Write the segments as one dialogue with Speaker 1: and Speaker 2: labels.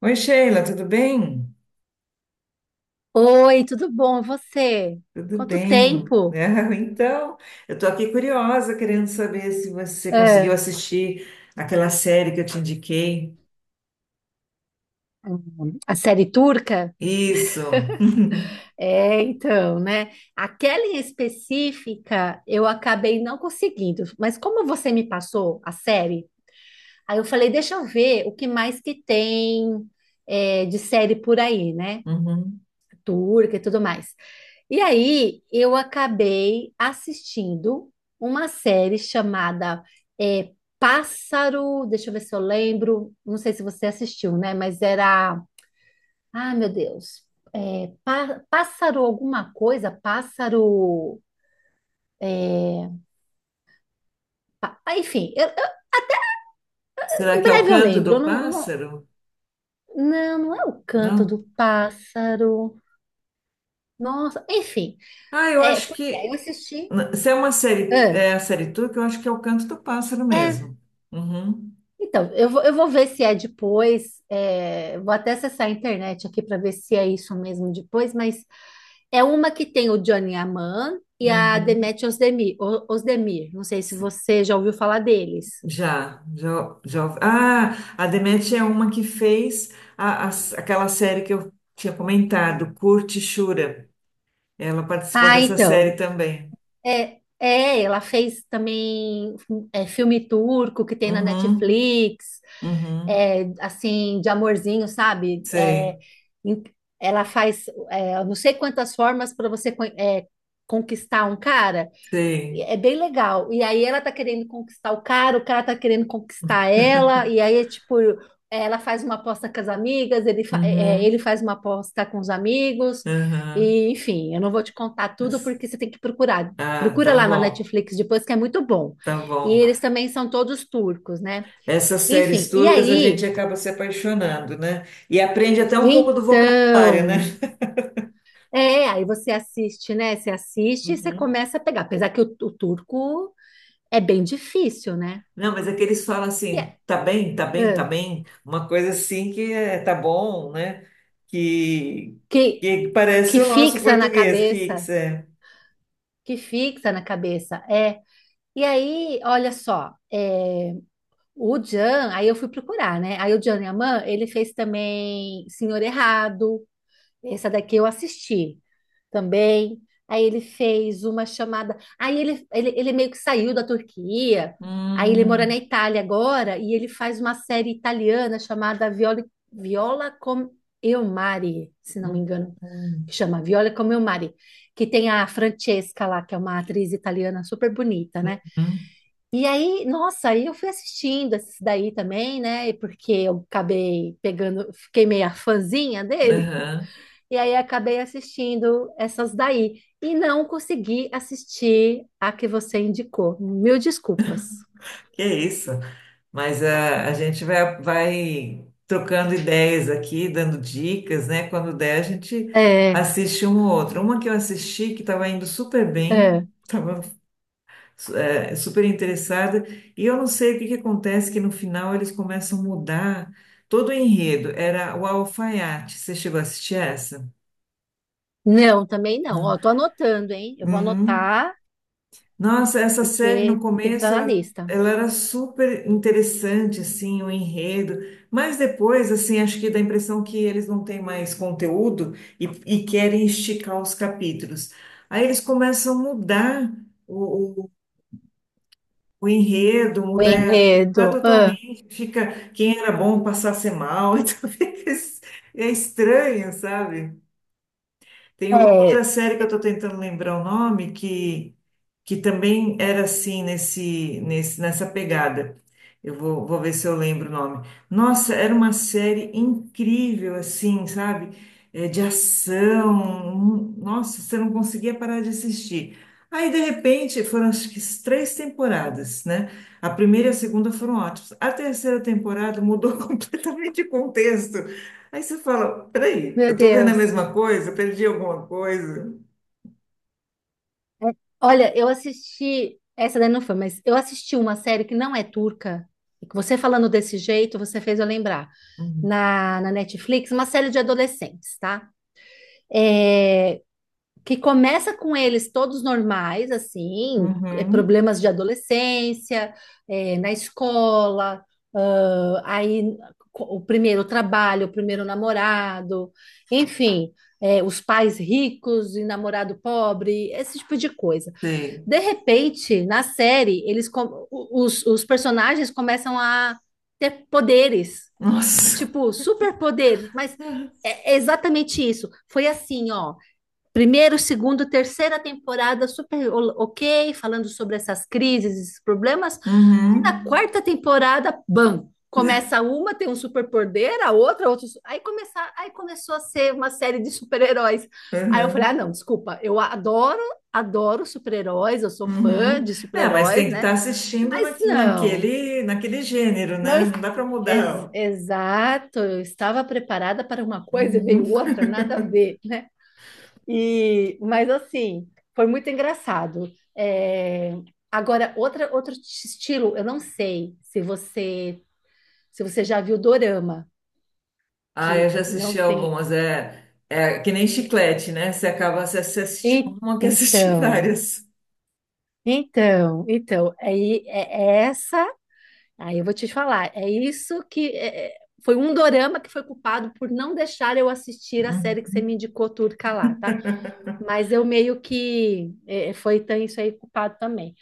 Speaker 1: Oi, Sheila, tudo bem?
Speaker 2: Oi, tudo bom? E você?
Speaker 1: Tudo
Speaker 2: Quanto
Speaker 1: bem.
Speaker 2: tempo?
Speaker 1: Então, eu estou aqui curiosa, querendo saber se você conseguiu
Speaker 2: É,
Speaker 1: assistir aquela série que eu te indiquei.
Speaker 2: a série turca?
Speaker 1: Isso.
Speaker 2: Então, né? Aquela em específica eu acabei não conseguindo, mas como você me passou a série, aí eu falei, deixa eu ver o que mais que tem de série por aí, né?
Speaker 1: Uhum.
Speaker 2: Turca e tudo mais. E aí eu acabei assistindo uma série chamada é, Pássaro. Deixa eu ver se eu lembro. Não sei se você assistiu, né? Mas era. Ah, meu Deus. É, pássaro alguma coisa? Pássaro. é, enfim,
Speaker 1: Será
Speaker 2: em
Speaker 1: que é o
Speaker 2: breve eu
Speaker 1: Canto
Speaker 2: lembro. Eu
Speaker 1: do
Speaker 2: não, não,
Speaker 1: Pássaro?
Speaker 2: não, não é o canto
Speaker 1: Não.
Speaker 2: do pássaro. Nossa, enfim.
Speaker 1: Ah, eu
Speaker 2: É,
Speaker 1: acho
Speaker 2: porque aí eu
Speaker 1: que
Speaker 2: assisti.
Speaker 1: se é uma série,
Speaker 2: Ah,
Speaker 1: é a série turca, eu acho que é o Canto do Pássaro
Speaker 2: é.
Speaker 1: mesmo. Uhum.
Speaker 2: Então, eu vou ver se é depois. Vou até acessar a internet aqui para ver se é isso mesmo depois, mas é uma que tem o Johnny Aman e a
Speaker 1: Uhum.
Speaker 2: Demet Özdemir, Özdemir. Não sei se você já ouviu falar deles.
Speaker 1: Já, já, já. Ah, a Demet é uma que fez a, a- aquela série que eu tinha comentado, Curte Shura. Ela participou
Speaker 2: Ah,
Speaker 1: dessa série
Speaker 2: então.
Speaker 1: também.
Speaker 2: Ela fez também filme turco que tem na
Speaker 1: Uhum,
Speaker 2: Netflix,
Speaker 1: uhum.
Speaker 2: assim, de amorzinho, sabe?
Speaker 1: Sei,
Speaker 2: Em- Ela faz, eu não sei quantas formas para você conquistar um cara. E
Speaker 1: sei.
Speaker 2: é bem legal. E aí ela tá querendo conquistar o cara tá querendo conquistar ela, e aí é tipo, ela faz uma aposta com as amigas, ele, fa- é, é, ele
Speaker 1: Uhum,
Speaker 2: faz uma aposta com os amigos,
Speaker 1: uhum.
Speaker 2: e enfim, eu não vou te contar tudo porque você tem que procurar.
Speaker 1: Ah,
Speaker 2: Procura
Speaker 1: tá
Speaker 2: lá na
Speaker 1: bom,
Speaker 2: Netflix depois, que é muito bom.
Speaker 1: tá
Speaker 2: E
Speaker 1: bom.
Speaker 2: eles também são todos turcos, né?
Speaker 1: Essas séries
Speaker 2: Enfim, e
Speaker 1: turcas a gente
Speaker 2: aí,
Speaker 1: acaba se apaixonando, né? E aprende até um pouco do vocabulário, né?
Speaker 2: então, aí você assiste, né? Você assiste e você
Speaker 1: Uhum.
Speaker 2: começa a pegar, apesar que o turco é bem difícil, né?
Speaker 1: Não, mas é que eles falam
Speaker 2: E
Speaker 1: assim, tá bem, tá bem, tá
Speaker 2: é-
Speaker 1: bem, uma coisa assim que é, tá bom, né? Que,
Speaker 2: que,
Speaker 1: que parece
Speaker 2: que
Speaker 1: o nosso
Speaker 2: fixa na
Speaker 1: português
Speaker 2: cabeça,
Speaker 1: fixo, é.
Speaker 2: que fixa na cabeça, é. E aí, olha só, o Jan, aí eu fui procurar, né? Aí o Jan Yaman, ele fez também Senhor Errado, essa daqui eu assisti também. Aí ele fez uma chamada. Aí ele meio que saiu da Turquia. Aí ele mora na
Speaker 1: Hum,
Speaker 2: Itália agora e ele faz uma série italiana chamada Viola, Viola com Eu Mari, se não me
Speaker 1: hum,
Speaker 2: engano,
Speaker 1: hum,
Speaker 2: que chama Viola com Eu Mari, que tem a Francesca lá, que é uma atriz italiana super bonita, né?
Speaker 1: hum,
Speaker 2: E aí, nossa, aí eu fui assistindo esse daí também, né? Porque eu acabei pegando, fiquei meio a fãzinha dele.
Speaker 1: aham.
Speaker 2: E aí acabei assistindo essas daí. E não consegui assistir a que você indicou. Mil desculpas.
Speaker 1: Que é isso. Mas ah, a gente vai, vai trocando ideias aqui, dando dicas, né? Quando der, a gente
Speaker 2: É,
Speaker 1: assiste um ou outro. Uma que eu assisti que estava indo super bem,
Speaker 2: é.
Speaker 1: super interessada. E eu não sei o que que acontece, que no final eles começam a mudar todo o enredo. Era o Alfaiate. Você chegou a assistir essa?
Speaker 2: Não, também não. Ó, tô anotando, hein? Eu vou
Speaker 1: Uhum.
Speaker 2: anotar,
Speaker 1: Nossa, essa série no
Speaker 2: porque tem que estar
Speaker 1: começo
Speaker 2: na
Speaker 1: ela,
Speaker 2: lista.
Speaker 1: ela era super interessante, assim, o enredo, mas depois, assim, acho que dá a impressão que eles não têm mais conteúdo e querem esticar os capítulos. Aí eles começam a mudar o enredo,
Speaker 2: O
Speaker 1: mudar, mudar
Speaker 2: enredo. Ah,
Speaker 1: totalmente, fica quem era bom passar a ser mal, então é estranho, sabe? Tem uma outra
Speaker 2: é,
Speaker 1: série que eu estou tentando lembrar o nome que também era assim nesse nessa pegada. Eu vou, vou ver se eu lembro o nome. Nossa, era uma série incrível assim, sabe? É, de ação. Nossa, você não conseguia parar de assistir. Aí, de repente, foram acho que três temporadas, né? A primeira e a segunda foram ótimas. A terceira temporada mudou completamente o contexto. Aí você fala, peraí,
Speaker 2: meu
Speaker 1: eu tô vendo a
Speaker 2: Deus.
Speaker 1: mesma coisa? Eu perdi alguma coisa?
Speaker 2: É, olha, eu assisti. Essa daí não foi, mas eu assisti uma série que não é turca. E que você falando desse jeito, você fez eu lembrar.
Speaker 1: Uhum.
Speaker 2: Na Netflix, uma série de adolescentes, tá? É, que começa com eles todos normais, assim,
Speaker 1: Uhum.
Speaker 2: problemas de adolescência, na escola, ah, aí o primeiro trabalho, o primeiro namorado, enfim, os pais ricos e namorado pobre, esse tipo de coisa.
Speaker 1: Sei.
Speaker 2: De repente, na série, os personagens começam a ter poderes,
Speaker 1: Nossa.
Speaker 2: tipo, superpoderes, mas é exatamente isso. Foi assim, ó. Primeiro, segundo, terceira temporada super ok, falando sobre essas crises, esses problemas.
Speaker 1: Uhum.
Speaker 2: Aí na quarta temporada, bam, começa uma, tem um superpoder, a outra, outro. Aí começou a ser uma série de super-heróis. Aí eu falei, ah,
Speaker 1: Uhum.
Speaker 2: não, desculpa, eu adoro, adoro super-heróis, eu sou fã
Speaker 1: Uhum.
Speaker 2: de
Speaker 1: É, mas tem
Speaker 2: super-heróis,
Speaker 1: que
Speaker 2: né?
Speaker 1: estar assistindo
Speaker 2: Mas não,
Speaker 1: naquele, naquele gênero,
Speaker 2: não
Speaker 1: né?
Speaker 2: es-
Speaker 1: Não dá para
Speaker 2: ex-
Speaker 1: mudar.
Speaker 2: Exato, eu estava preparada para uma coisa e veio
Speaker 1: Uhum.
Speaker 2: outra, nada a ver, né? E, mas assim, foi muito engraçado. É, agora, outra, outro estilo, eu não sei se você já viu Dorama,
Speaker 1: Ah, eu
Speaker 2: que
Speaker 1: já
Speaker 2: não
Speaker 1: assisti
Speaker 2: tem.
Speaker 1: algumas. É, é que nem chiclete, né? Você acaba, você assiste
Speaker 2: E-
Speaker 1: uma, quer assistir
Speaker 2: Então,
Speaker 1: várias.
Speaker 2: aí é essa. Aí eu vou te falar. É isso que é, foi um dorama que foi culpado por não deixar eu assistir a série que
Speaker 1: Uhum.
Speaker 2: você me indicou, turca lá, tá? Mas eu meio que foi então, isso aí culpado também.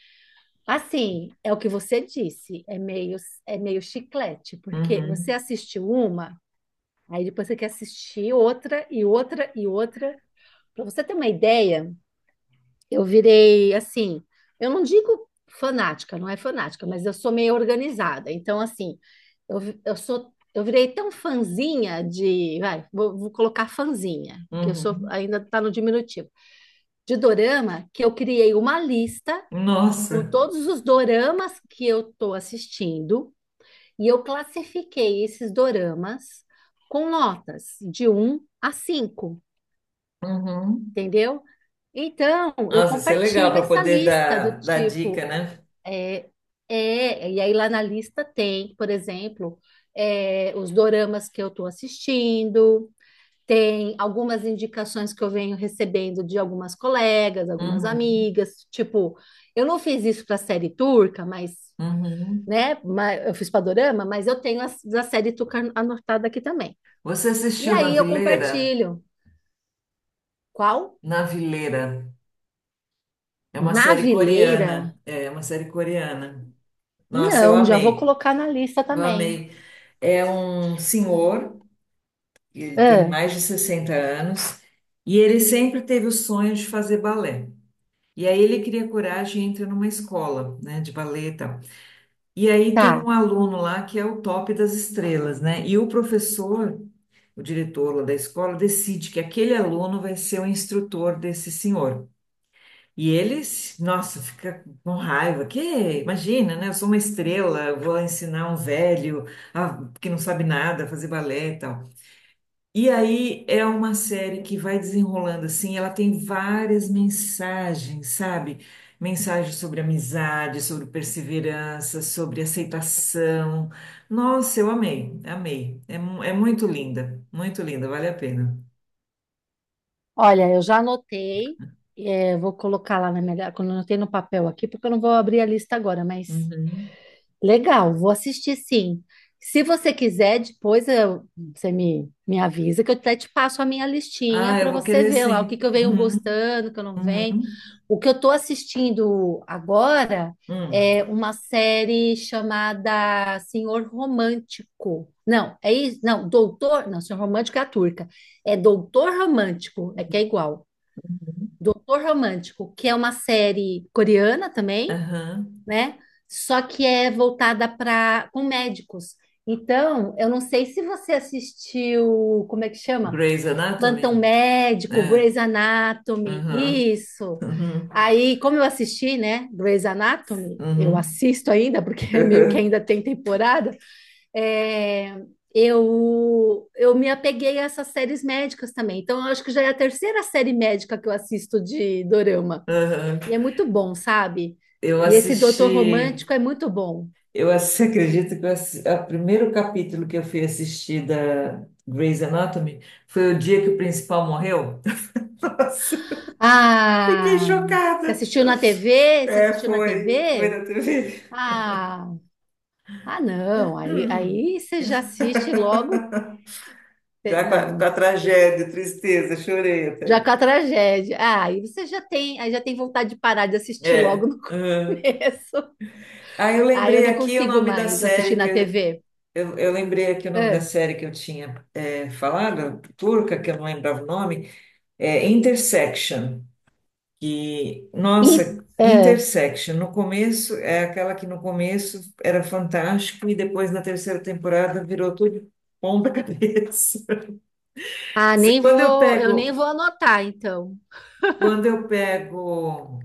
Speaker 2: Assim, é o que você disse, é meio chiclete, porque você
Speaker 1: Uhum.
Speaker 2: assiste uma, aí depois você quer assistir outra e outra e outra. Para você ter uma ideia, eu virei assim, eu não digo fanática, não é fanática, mas eu sou meio organizada. Então, assim, eu, vi- eu sou, eu virei tão fãzinha de, vai, vou colocar fãzinha, porque eu sou
Speaker 1: Uhum.
Speaker 2: ainda tá no diminutivo, de dorama, que eu criei uma lista com
Speaker 1: Nossa.
Speaker 2: todos os doramas que eu estou assistindo e eu classifiquei esses doramas com notas de um a cinco,
Speaker 1: Uhum.
Speaker 2: entendeu? Então, eu
Speaker 1: Nossa, isso é legal
Speaker 2: compartilho
Speaker 1: para
Speaker 2: essa
Speaker 1: poder
Speaker 2: lista do
Speaker 1: dar, dar dica,
Speaker 2: tipo,
Speaker 1: né?
Speaker 2: e aí lá na lista tem, por exemplo, os doramas que eu estou assistindo, tem algumas indicações que eu venho recebendo de algumas colegas, algumas
Speaker 1: Uhum,
Speaker 2: amigas, tipo, eu não fiz isso para a série turca, mas
Speaker 1: uhum.
Speaker 2: né? Mas eu fiz Padorama, mas eu tenho a série Tuca anotada aqui também.
Speaker 1: Você
Speaker 2: E
Speaker 1: assistiu Na
Speaker 2: aí eu
Speaker 1: Vileira?
Speaker 2: compartilho. Qual?
Speaker 1: Na Vileira. É uma série
Speaker 2: Navileira?
Speaker 1: coreana. É é uma série coreana. Nossa, eu
Speaker 2: Não, já vou
Speaker 1: amei.
Speaker 2: colocar na lista
Speaker 1: Eu
Speaker 2: também.
Speaker 1: amei. É um senhor, ele tem
Speaker 2: Ah,
Speaker 1: mais de 60 anos, e ele sempre teve o sonho de fazer balé. E aí ele cria coragem e entra numa escola, né, de balé e tal. E aí tem
Speaker 2: tá.
Speaker 1: um aluno lá que é o top das estrelas, né? E o professor o diretor ou da escola decide que aquele aluno vai ser o instrutor desse senhor. E eles, nossa, fica com raiva. Que imagina, né? Eu sou uma estrela, eu vou ensinar um velho ah, que não sabe nada, a fazer balé e tal. E aí é uma série que vai desenrolando assim, ela tem várias mensagens, sabe? Mensagens sobre amizade, sobre perseverança, sobre aceitação. Nossa, eu amei, amei. É, muito linda, vale a pena.
Speaker 2: Olha, eu já anotei. É, vou colocar lá na minha. Quando eu anotei no papel aqui, porque eu não vou abrir a lista agora, mas
Speaker 1: Uhum.
Speaker 2: legal, vou assistir sim. Se você quiser, depois eu- você me, me avisa que eu até te passo a minha listinha
Speaker 1: Ah, eu
Speaker 2: para
Speaker 1: vou
Speaker 2: você
Speaker 1: querer
Speaker 2: ver lá o que que
Speaker 1: sim.
Speaker 2: eu venho
Speaker 1: Uhum.
Speaker 2: gostando, o que eu não venho.
Speaker 1: Uhum.
Speaker 2: O que eu estou assistindo agora
Speaker 1: Hum.
Speaker 2: é uma série chamada Senhor Romântico. Não, é isso? Não, Doutor. Não, Senhor Romântico é a turca. É Doutor Romântico, é que é igual.
Speaker 1: Uhum.
Speaker 2: Doutor Romântico, que é uma série coreana também,
Speaker 1: Aham.
Speaker 2: né? Só que é voltada para com médicos. Então, eu não sei se você assistiu, como é que chama?
Speaker 1: Grey's
Speaker 2: Plantão
Speaker 1: Anatomy?
Speaker 2: Médico,
Speaker 1: É.
Speaker 2: Grey's Anatomy,
Speaker 1: Uhum.
Speaker 2: isso.
Speaker 1: Uhum.
Speaker 2: Aí, como eu assisti, né, Grey's Anatomy, eu
Speaker 1: Uhum.
Speaker 2: assisto ainda, porque meio que
Speaker 1: Uhum.
Speaker 2: ainda tem temporada, é, eu me apeguei a essas séries médicas também. Então, eu acho que já é a terceira série médica que eu assisto de dorama.
Speaker 1: Uhum.
Speaker 2: E é muito bom, sabe?
Speaker 1: Eu
Speaker 2: E esse Doutor
Speaker 1: assisti.
Speaker 2: Romântico é muito bom.
Speaker 1: Eu assisti, acredito que o primeiro capítulo que eu fui assistir da Grey's Anatomy foi o dia que o principal morreu. Nossa, fiquei
Speaker 2: Ah, você
Speaker 1: chocada.
Speaker 2: assistiu na TV? Você
Speaker 1: É,
Speaker 2: assistiu na
Speaker 1: foi. Foi
Speaker 2: TV?
Speaker 1: na TV.
Speaker 2: Ah, ah não. Aí,
Speaker 1: Uhum.
Speaker 2: aí você já assiste logo.
Speaker 1: Já com com a
Speaker 2: Não,
Speaker 1: tragédia, tristeza, chorei até.
Speaker 2: já com a tragédia. Ah, aí você já tem, aí já tem vontade de parar de assistir logo
Speaker 1: É.
Speaker 2: no
Speaker 1: Uhum.
Speaker 2: começo.
Speaker 1: Aí eu
Speaker 2: Ah, eu
Speaker 1: lembrei
Speaker 2: não
Speaker 1: aqui o
Speaker 2: consigo
Speaker 1: nome da
Speaker 2: mais
Speaker 1: série
Speaker 2: assistir
Speaker 1: que
Speaker 2: na
Speaker 1: eu,
Speaker 2: TV.
Speaker 1: eu, eu lembrei aqui o nome da
Speaker 2: Ah,
Speaker 1: série que eu tinha falado, turca, que eu não lembrava o nome, é Intersection. Que,
Speaker 2: e-
Speaker 1: nossa,
Speaker 2: ah,
Speaker 1: Intersection, no começo, é aquela que no começo era fantástico e depois na terceira temporada virou tudo ponta cabeça.
Speaker 2: ah, nem
Speaker 1: Quando eu
Speaker 2: vou, eu nem
Speaker 1: pego,
Speaker 2: vou anotar, então.
Speaker 1: quando eu pego,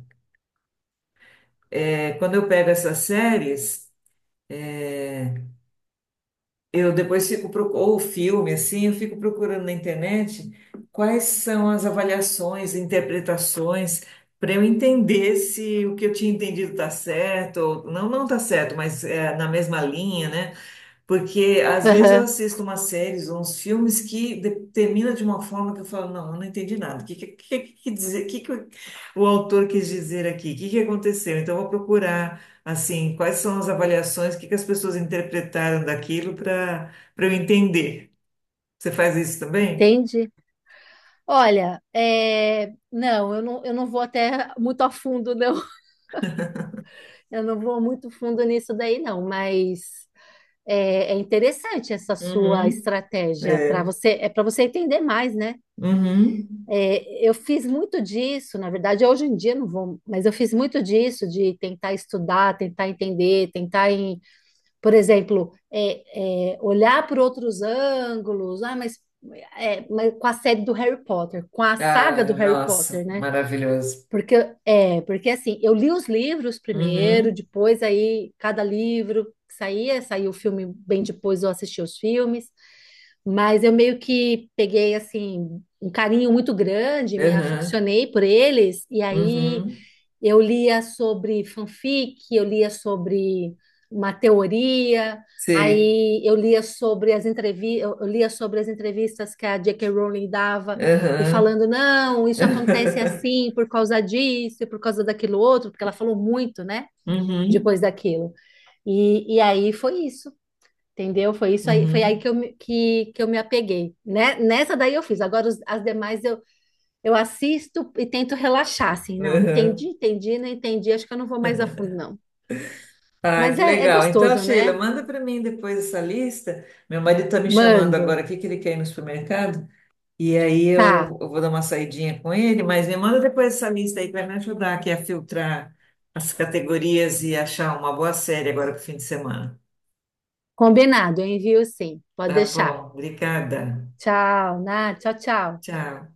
Speaker 1: quando eu pego essas séries. Eu depois fico procu- ou filme assim, eu fico procurando na internet quais são as avaliações, interpretações para eu entender se o que eu tinha entendido está certo ou não, não está certo, mas é na mesma linha, né? Porque às vezes eu
Speaker 2: Aham,
Speaker 1: assisto umas séries ou uns filmes que termina de uma forma que eu falo, não, eu não entendi nada. O que, que, dizer, que o autor quis dizer aqui? O que, que aconteceu? Então eu vou procurar, assim, quais são as avaliações, o que, que as pessoas interpretaram daquilo para eu entender. Você faz isso também?
Speaker 2: entendi. Olha, não, eu não vou até muito a fundo, não. Eu não vou muito fundo nisso daí, não. Mas é interessante essa sua
Speaker 1: Uhum.
Speaker 2: estratégia para
Speaker 1: É.
Speaker 2: você, é para você entender mais, né?
Speaker 1: Uhum.
Speaker 2: É, eu fiz muito disso, na verdade, hoje em dia eu não vou, mas eu fiz muito disso de tentar estudar, tentar entender, por exemplo, olhar por outros ângulos. Ah, mas, mas com a série do Harry Potter, com a saga do
Speaker 1: Ah,
Speaker 2: Harry
Speaker 1: nossa,
Speaker 2: Potter, né?
Speaker 1: maravilhoso.
Speaker 2: Porque, porque assim, eu li os livros primeiro,
Speaker 1: Uhum.
Speaker 2: depois aí cada livro que saía, saiu o filme bem depois eu assisti os filmes, mas eu meio que peguei assim um carinho muito grande, me
Speaker 1: Uhum.
Speaker 2: aficionei por eles, e aí
Speaker 1: Uhum.
Speaker 2: eu lia sobre fanfic, eu lia sobre uma teoria,
Speaker 1: Sei.
Speaker 2: aí eu lia sobre as entrevistas, eu lia sobre as entrevistas que a J.K. Rowling dava e
Speaker 1: Aham.
Speaker 2: falando, não, isso acontece assim por causa disso, e por causa daquilo outro, porque ela falou muito, né, depois
Speaker 1: Uhum,
Speaker 2: daquilo. E aí foi isso. Entendeu? Foi isso aí, foi aí que
Speaker 1: uhum,
Speaker 2: que eu me apeguei, né? Nessa daí eu fiz. Agora as demais eu assisto e tento relaxar, assim, não,
Speaker 1: aham.
Speaker 2: entendi, entendi, não entendi, acho que eu não vou mais a fundo, não.
Speaker 1: Ah,
Speaker 2: Mas
Speaker 1: que
Speaker 2: é, é
Speaker 1: legal. Então,
Speaker 2: gostoso,
Speaker 1: Sheila,
Speaker 2: né?
Speaker 1: manda para mim depois essa lista. Meu marido está me chamando agora
Speaker 2: Mando.
Speaker 1: aqui, que ele quer ir no supermercado. E aí
Speaker 2: Tá,
Speaker 1: eu vou dar uma saidinha com ele, mas me manda depois essa lista aí para me ajudar aqui a filtrar as categorias e achar uma boa série agora para o fim de semana.
Speaker 2: combinado, eu envio sim. Pode
Speaker 1: Tá
Speaker 2: deixar.
Speaker 1: bom, obrigada.
Speaker 2: Tchau, Nath, tchau, tchau.
Speaker 1: Tchau.